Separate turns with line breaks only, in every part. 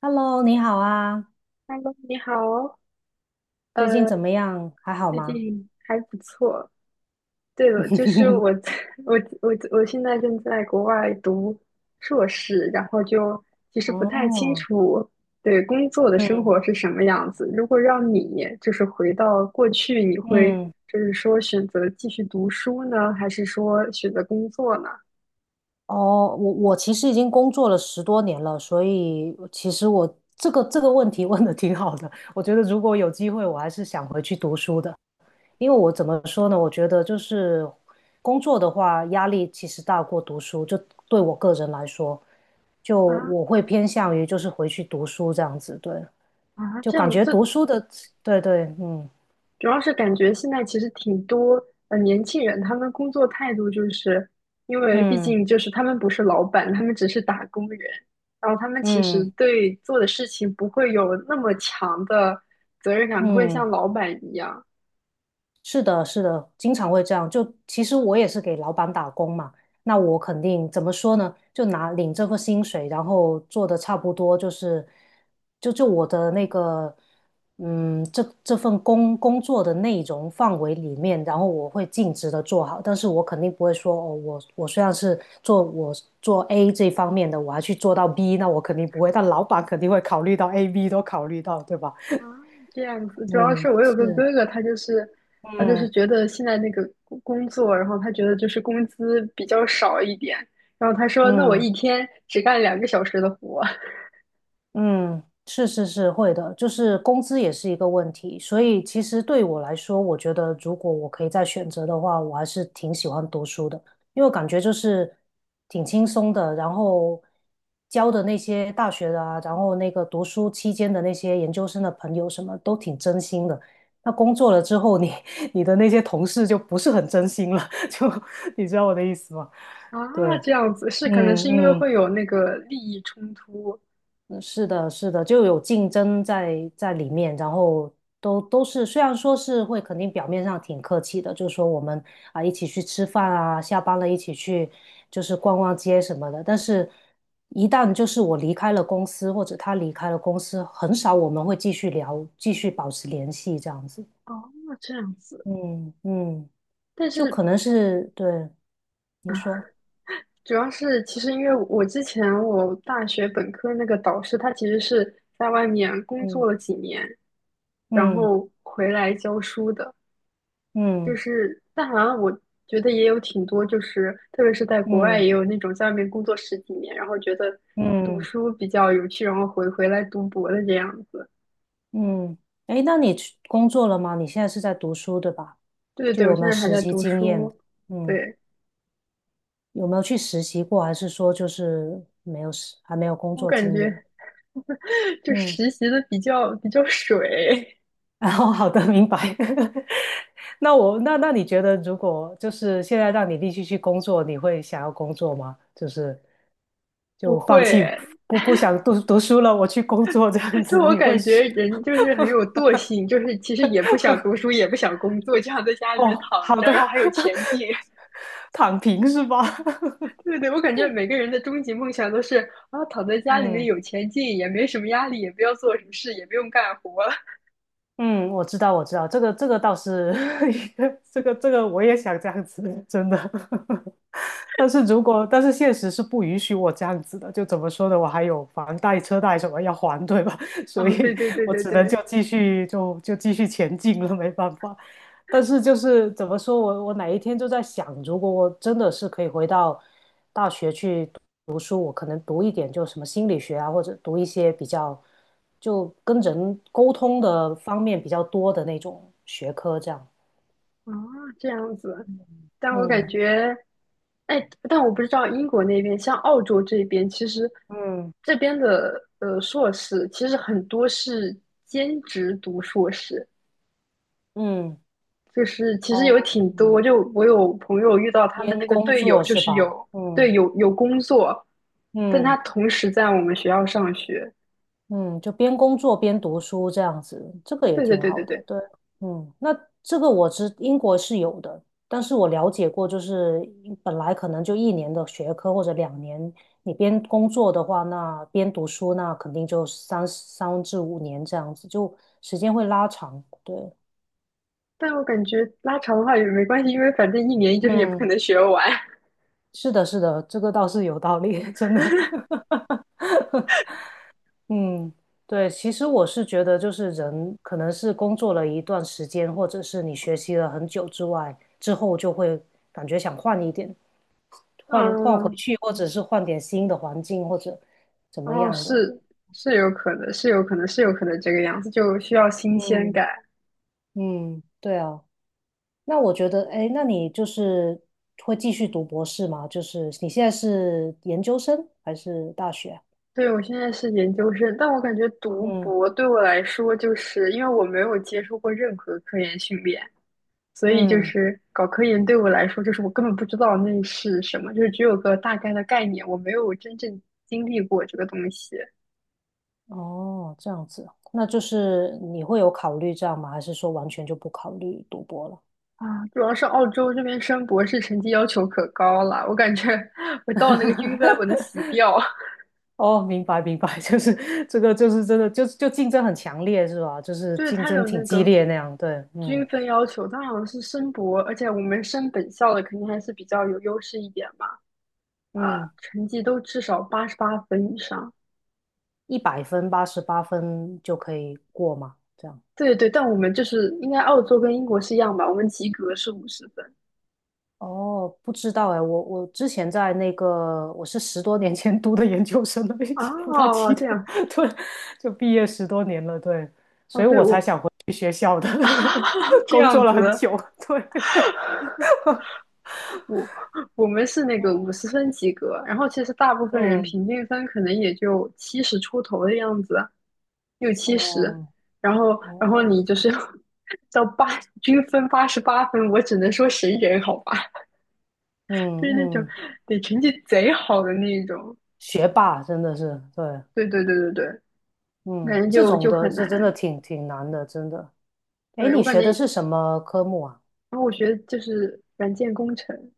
Hello，你好啊，
Hello，你好哦，
最近
呃，
怎么样？还好
最
吗？
近还不错。对了，就是 我在，我，我，我现在正在国外读硕士，然后就其实不太清
哦，
楚，对，工作的生
嗯
活是什么样子。如果让你就是回到过去，你会
嗯，
就是说选择继续读书呢，还是说选择工作呢？
哦，我其实已经工作了十多年了，所以其实我这个问题问的挺好的。我觉得如果有机会，我还是想回去读书的，因为我怎么说呢？我觉得就是工作的话，压力其实大过读书，就对我个人来说，就
啊
我会偏向于就是回去读书这样子，对，
啊，
就
这
感
样，
觉读书的，对对，嗯
主要是感觉现在其实挺多年轻人，他们工作态度就是因为毕
嗯。
竟就是他们不是老板，他们只是打工人，然后他们其实
嗯
对做的事情不会有那么强的责任感，不会
嗯，
像老板一样
是的，是的，经常会这样。就其实我也是给老板打工嘛，那我肯定怎么说呢？就拿领这份薪水，然后做的差不多，就是就我的那个嗯，这份工作的内容范围里面，然后我会尽职的做好，但是我肯定不会说哦，我虽然是做我做 A 这方面的，我还去做到 B，那我肯定不会，但老板肯定会考虑到 A、B 都考虑到，对吧？
啊这样子。主要
嗯，
是我有个
是，
哥哥，他就是
嗯。
觉得现在那个工作，然后他觉得就是工资比较少一点，然后他说那我
嗯
一天只干2个小时的活。
嗯，是是是会的，就是工资也是一个问题，所以其实对我来说，我觉得如果我可以再选择的话，我还是挺喜欢读书的，因为我感觉就是挺轻松的，然后教的那些大学的啊，然后那个读书期间的那些研究生的朋友什么都挺真心的。那工作了之后你，你的那些同事就不是很真心了，就你知道我的意思吗？
啊，
对，
这样子是可能是因为
嗯嗯
会有那个利益冲突
嗯是的，是的，就有竞争在里面，然后都是虽然说是会肯定表面上挺客气的，就是说我们啊一起去吃饭啊，下班了一起去就是逛逛街什么的，但是一旦就是我离开了公司或者他离开了公司，很少我们会继续聊，继续保持联系这样子。
哦，这样子。
嗯嗯，
但
就
是
可能是对你说，
主要是其实因为我之前我大学本科那个导师，他其实是在外面工作了几年，然
嗯
后回来教书的。就
嗯
是但好像我觉得也有挺多，就是特别是在国外
嗯嗯。
也有那种在外面工作十几年，然后觉得
嗯
读
嗯
书比较有趣，然后回来读博的这样子。
嗯，诶，那你去工作了吗？你现在是在读书，对吧？
对对
就
对，我
有没
现
有
在还
实
在
习
读
经验？
书，
嗯，
对。
有没有去实习过，还是说就是没有实，还没有工
我
作
感
经验？
觉就
嗯，
实习的比较水，
然后好的，明白。那我那那你觉得，如果就是现在让你立即去工作，你会想要工作吗？就是
不
就放
会。
弃不想读书了，我去工作这样
就
子，
我
你会？
感觉人就是很有惰性，就是其实也不想读 书，也不想工作，就想在家里面
哦，
躺
好
着，
的，
然后还有钱进。
躺平是吧？
对对，我感觉每个人的终极梦想都是啊，躺在 家里面
嗯。
有钱进，也没什么压力，也不要做什么事，也不用干活。
嗯，我知道，我知道，这个这个倒是 一个这个我也想这样子，真的。但是如果但是现实是不允许我这样子的，就怎么说呢？我还有房贷、车贷什么要还，对吧？所
啊，对
以
对对
我
对
只能就
对，
继续就继续前进了，没办法。但是就是怎么说，我哪一天就在想，如果我真的是可以回到大学去。读书，我可能读一点就什么心理学啊，或者读一些比较就跟人沟通的方面比较多的那种学科，这样。
啊，这样子。但我感
嗯
觉。哎，但我不知道英国那边，像澳洲这边，其实
嗯，
这边的硕士，其实很多是兼职读硕士，
嗯，
就是其实有
哦，
挺
嗯，
多，就我有朋友遇到他们
边
那个
工
队友，
作
就
是
是
吧？
有
嗯
对有工作，但他
嗯。
同时在我们学校上学。
嗯，就边工作边读书这样子，这个也
对对
挺
对对
好的。
对，
对，嗯，那这个我知英国是有的，但是我了解过，就是本来可能就1年的学科或者2年，你边工作的话，那边读书，那肯定就三至五年这样子，就时间会拉长。对，
但我感觉拉长的话也没关系，因为反正一年就是也不可
嗯，
能学完。
是的，是的，这个倒是有道理，真的。嗯，对，其实我是觉得，就是人可能是工作了一段时间，或者是你学习了很久之外，之后就会感觉想换一点，换换回
嗯，
去，或者是换点新的环境，或者怎么
哦，
样的。
是是有可能，是有可能，是有可能这个样子，就需要新鲜
嗯
感。
嗯，对啊。那我觉得，哎，那你就是会继续读博士吗？就是你现在是研究生还是大学啊？
对，我现在是研究生，但我感觉读
嗯
博对我来说，就是因为我没有接受过任何科研训练，所以就
嗯。
是搞科研对我来说，就是我根本不知道那是什么，就是只有个大概的概念，我没有真正经历过这个东西
哦，这样子，那就是你会有考虑这样吗？还是说完全就不考虑赌博了？
啊。主要是澳洲这边升博士成绩要求可高了，我感觉 我到那个均分我能死 掉。
哦，明白明白，就是这个，就是真的，就竞争很强烈是吧？就 是
对，
竞
他
争
有那
挺激
个
烈那样，对，嗯
均分要求，他好像是升博，而且我们升本校的肯定还是比较有优势一点嘛。啊、
嗯，
成绩都至少88分以上。
100分、88分就可以过嘛，这样。
对对，但我们就是应该澳洲跟英国是一样吧？我们及格是五十分
哦，不知道哎，我之前在那个，我是十多年前读的研究生了，已经不太
哦，
记得，
这样
对，就毕业十多年了，对，所
哦，
以
对
我才
我
想回去学校的，就
啊这
工
样
作了很
子，
久，对，
我我们是那个五十分及格，然后其实大部分人
嗯，
平均分可能也就70出头的样子，六七十，
哦，
然后
哦，
你就是要 到八均分88分，我只能说神人好吧，就是
嗯
那种
嗯，
得成绩贼好的那一种。
学霸真的是，对，
对对对对对，我
嗯，
感觉
这
就
种
就
的，
很
这真的
难。
挺难的，真的。哎，
对，我
你
感
学的
觉，
是什么科目啊？
然后我学的就是软件工程，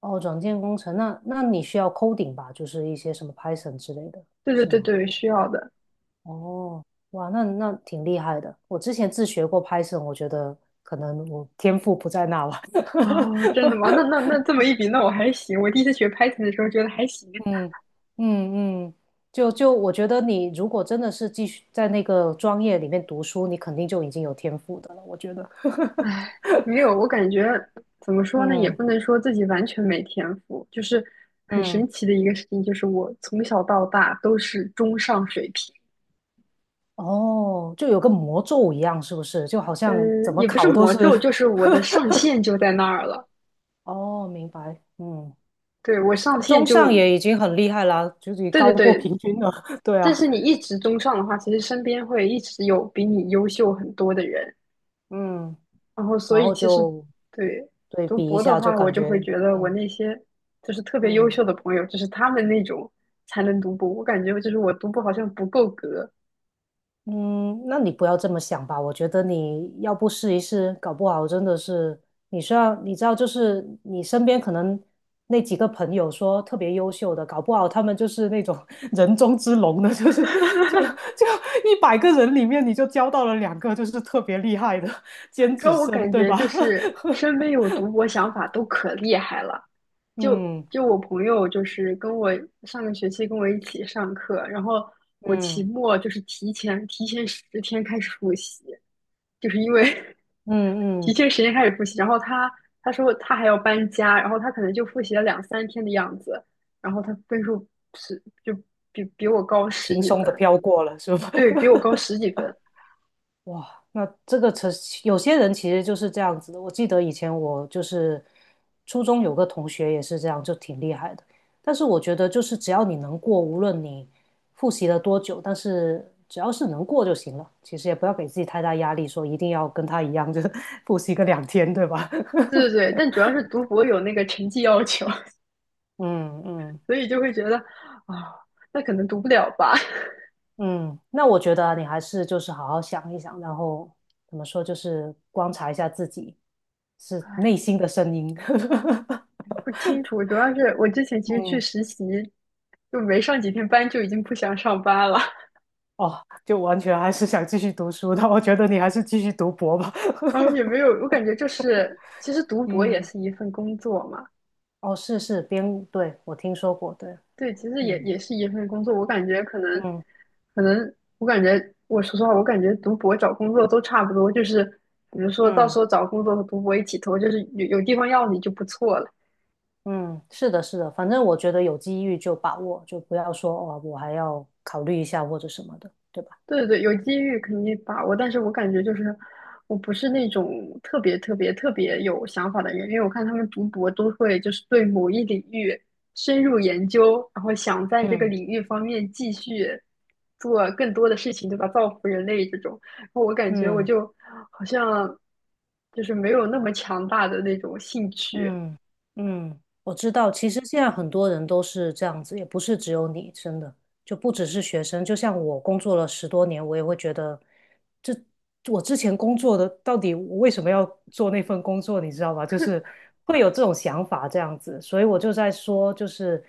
哦，软件工程，那你需要 coding 吧，就是一些什么 Python 之类的，
对对
是
对
吗？
对，需要的。
哦，哇，那挺厉害的。我之前自学过 Python，我觉得可能我天赋不在那吧。
哦，真的吗？那这 么一比，那我还行。我第一次学 Python 的时候觉得还行，
嗯嗯嗯，就我觉得你如果真的是继续在那个专业里面读书，你肯定就已经有天赋的了。我觉得，
唉，没有，我感觉怎么说呢，也
嗯
不能说自己完全没天赋，就是很
嗯，
神奇的一个事情，就是我从小到大都是中上水平。
哦，就有个魔咒一样，是不是？就好
呃，
像怎么
也不是
考都
魔
是。
咒，就是我的上限就在那儿了。
哦，明白。嗯，
对，我上
那
限
中
就，
上也已经很厉害啦，就是
对对
高过
对，
平均了。对
但
啊，
是你一直中上的话，其实身边会一直有比你优秀很多的人，
嗯。
然后所
然
以
后
其实
就
对
对
读
比一
博的
下，就
话，我
感
就会
觉，
觉得我
嗯
那些就是特别优
嗯
秀的朋友，就是他们那种才能读博，我感觉就是我读博好像不够格，
嗯，那你不要这么想吧。我觉得你要不试一试，搞不好真的是你需要，你知道，就是你身边可能那几个朋友说特别优秀的，搞不好他们就是那种 人中之龙的，就是 就100个人里面你就交到了2个就是特别厉害的尖
主要
子
我
生，
感
对
觉
吧？
就是身边有读博想法都可厉害了，就
嗯
就我朋友就是跟我上个学期跟我一起上课，然后我期
嗯
末就是提前10天开始复习，就是因为
嗯
提
嗯，
前时间开始复习，然后他说他还要搬家，然后他可能就复习了两三天的样子，然后他分数是就比我高十
轻
几
松的
分，
飘过了，是吧？
对，比我高十几分，
哇，那这个车有些人其实就是这样子的。我记得以前我就是初中有个同学也是这样，就挺厉害的。但是我觉得就是只要你能过，无论你复习了多久，但是只要是能过就行了。其实也不要给自己太大压力，说一定要跟他一样，就 复习个2天，对吧？
对对对，但主要是读博有那个成绩要求，
嗯嗯
所以就会觉得啊、那可能读不了吧，
嗯，那我觉得啊你还是就是好好想一想，然后怎么说，就是观察一下自己是内心的声音。
不清楚，主要是我之前其实去
嗯
实习，就没上几天班就已经不想上班了，
哦，就完全还是想继续读书的，我觉得你还是继续读博吧。
然后也没 有，我感觉就是其实读博也
嗯，
是一份工作嘛。
哦，是是编，对，我听说过，对，
对，其实也
嗯
也是一份工作，我感觉可能，
嗯
可能我感觉，我说实话，我感觉读博找工作都差不多，就是比如说到
嗯
时候找工作和读博一起投，就是有有地方要你就不错了。
嗯，是的，是的，反正我觉得有机遇就把握，就不要说哦，我还要考虑一下或者什么的，对吧？
对对对，有机遇肯定把握，但是我感觉就是我不是那种特别特别特别有想法的人，因为我看他们读博都会就是对某一领域深入研究，然后想在这个
嗯
领域方面继续做更多的事情，对吧？造福人类这种，然后我感觉我
嗯。
就好像就是没有那么强大的那种兴趣。
嗯嗯，我知道。其实现在很多人都是这样子，也不是只有你，真的，就不只是学生。就像我工作了十多年，我也会觉得，这我之前工作的到底我为什么要做那份工作，你知道吧？就是会有这种想法这样子。所以我就在说，就是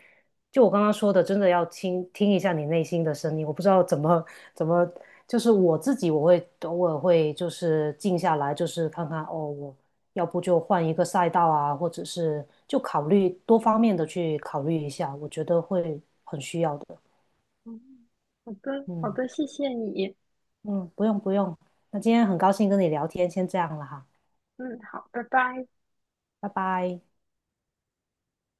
就我刚刚说的，真的要听一下你内心的声音。我不知道怎么，就是我自己，我会偶尔会就是静下来，就是看看哦，我。要不就换一个赛道啊，或者是就考虑多方面的去考虑一下，我觉得会很需要的。
嗯，好的，好
嗯
的，谢谢你。
嗯，不用不用，那今天很高兴跟你聊天，先这样了哈，
嗯，好，拜拜。
拜拜。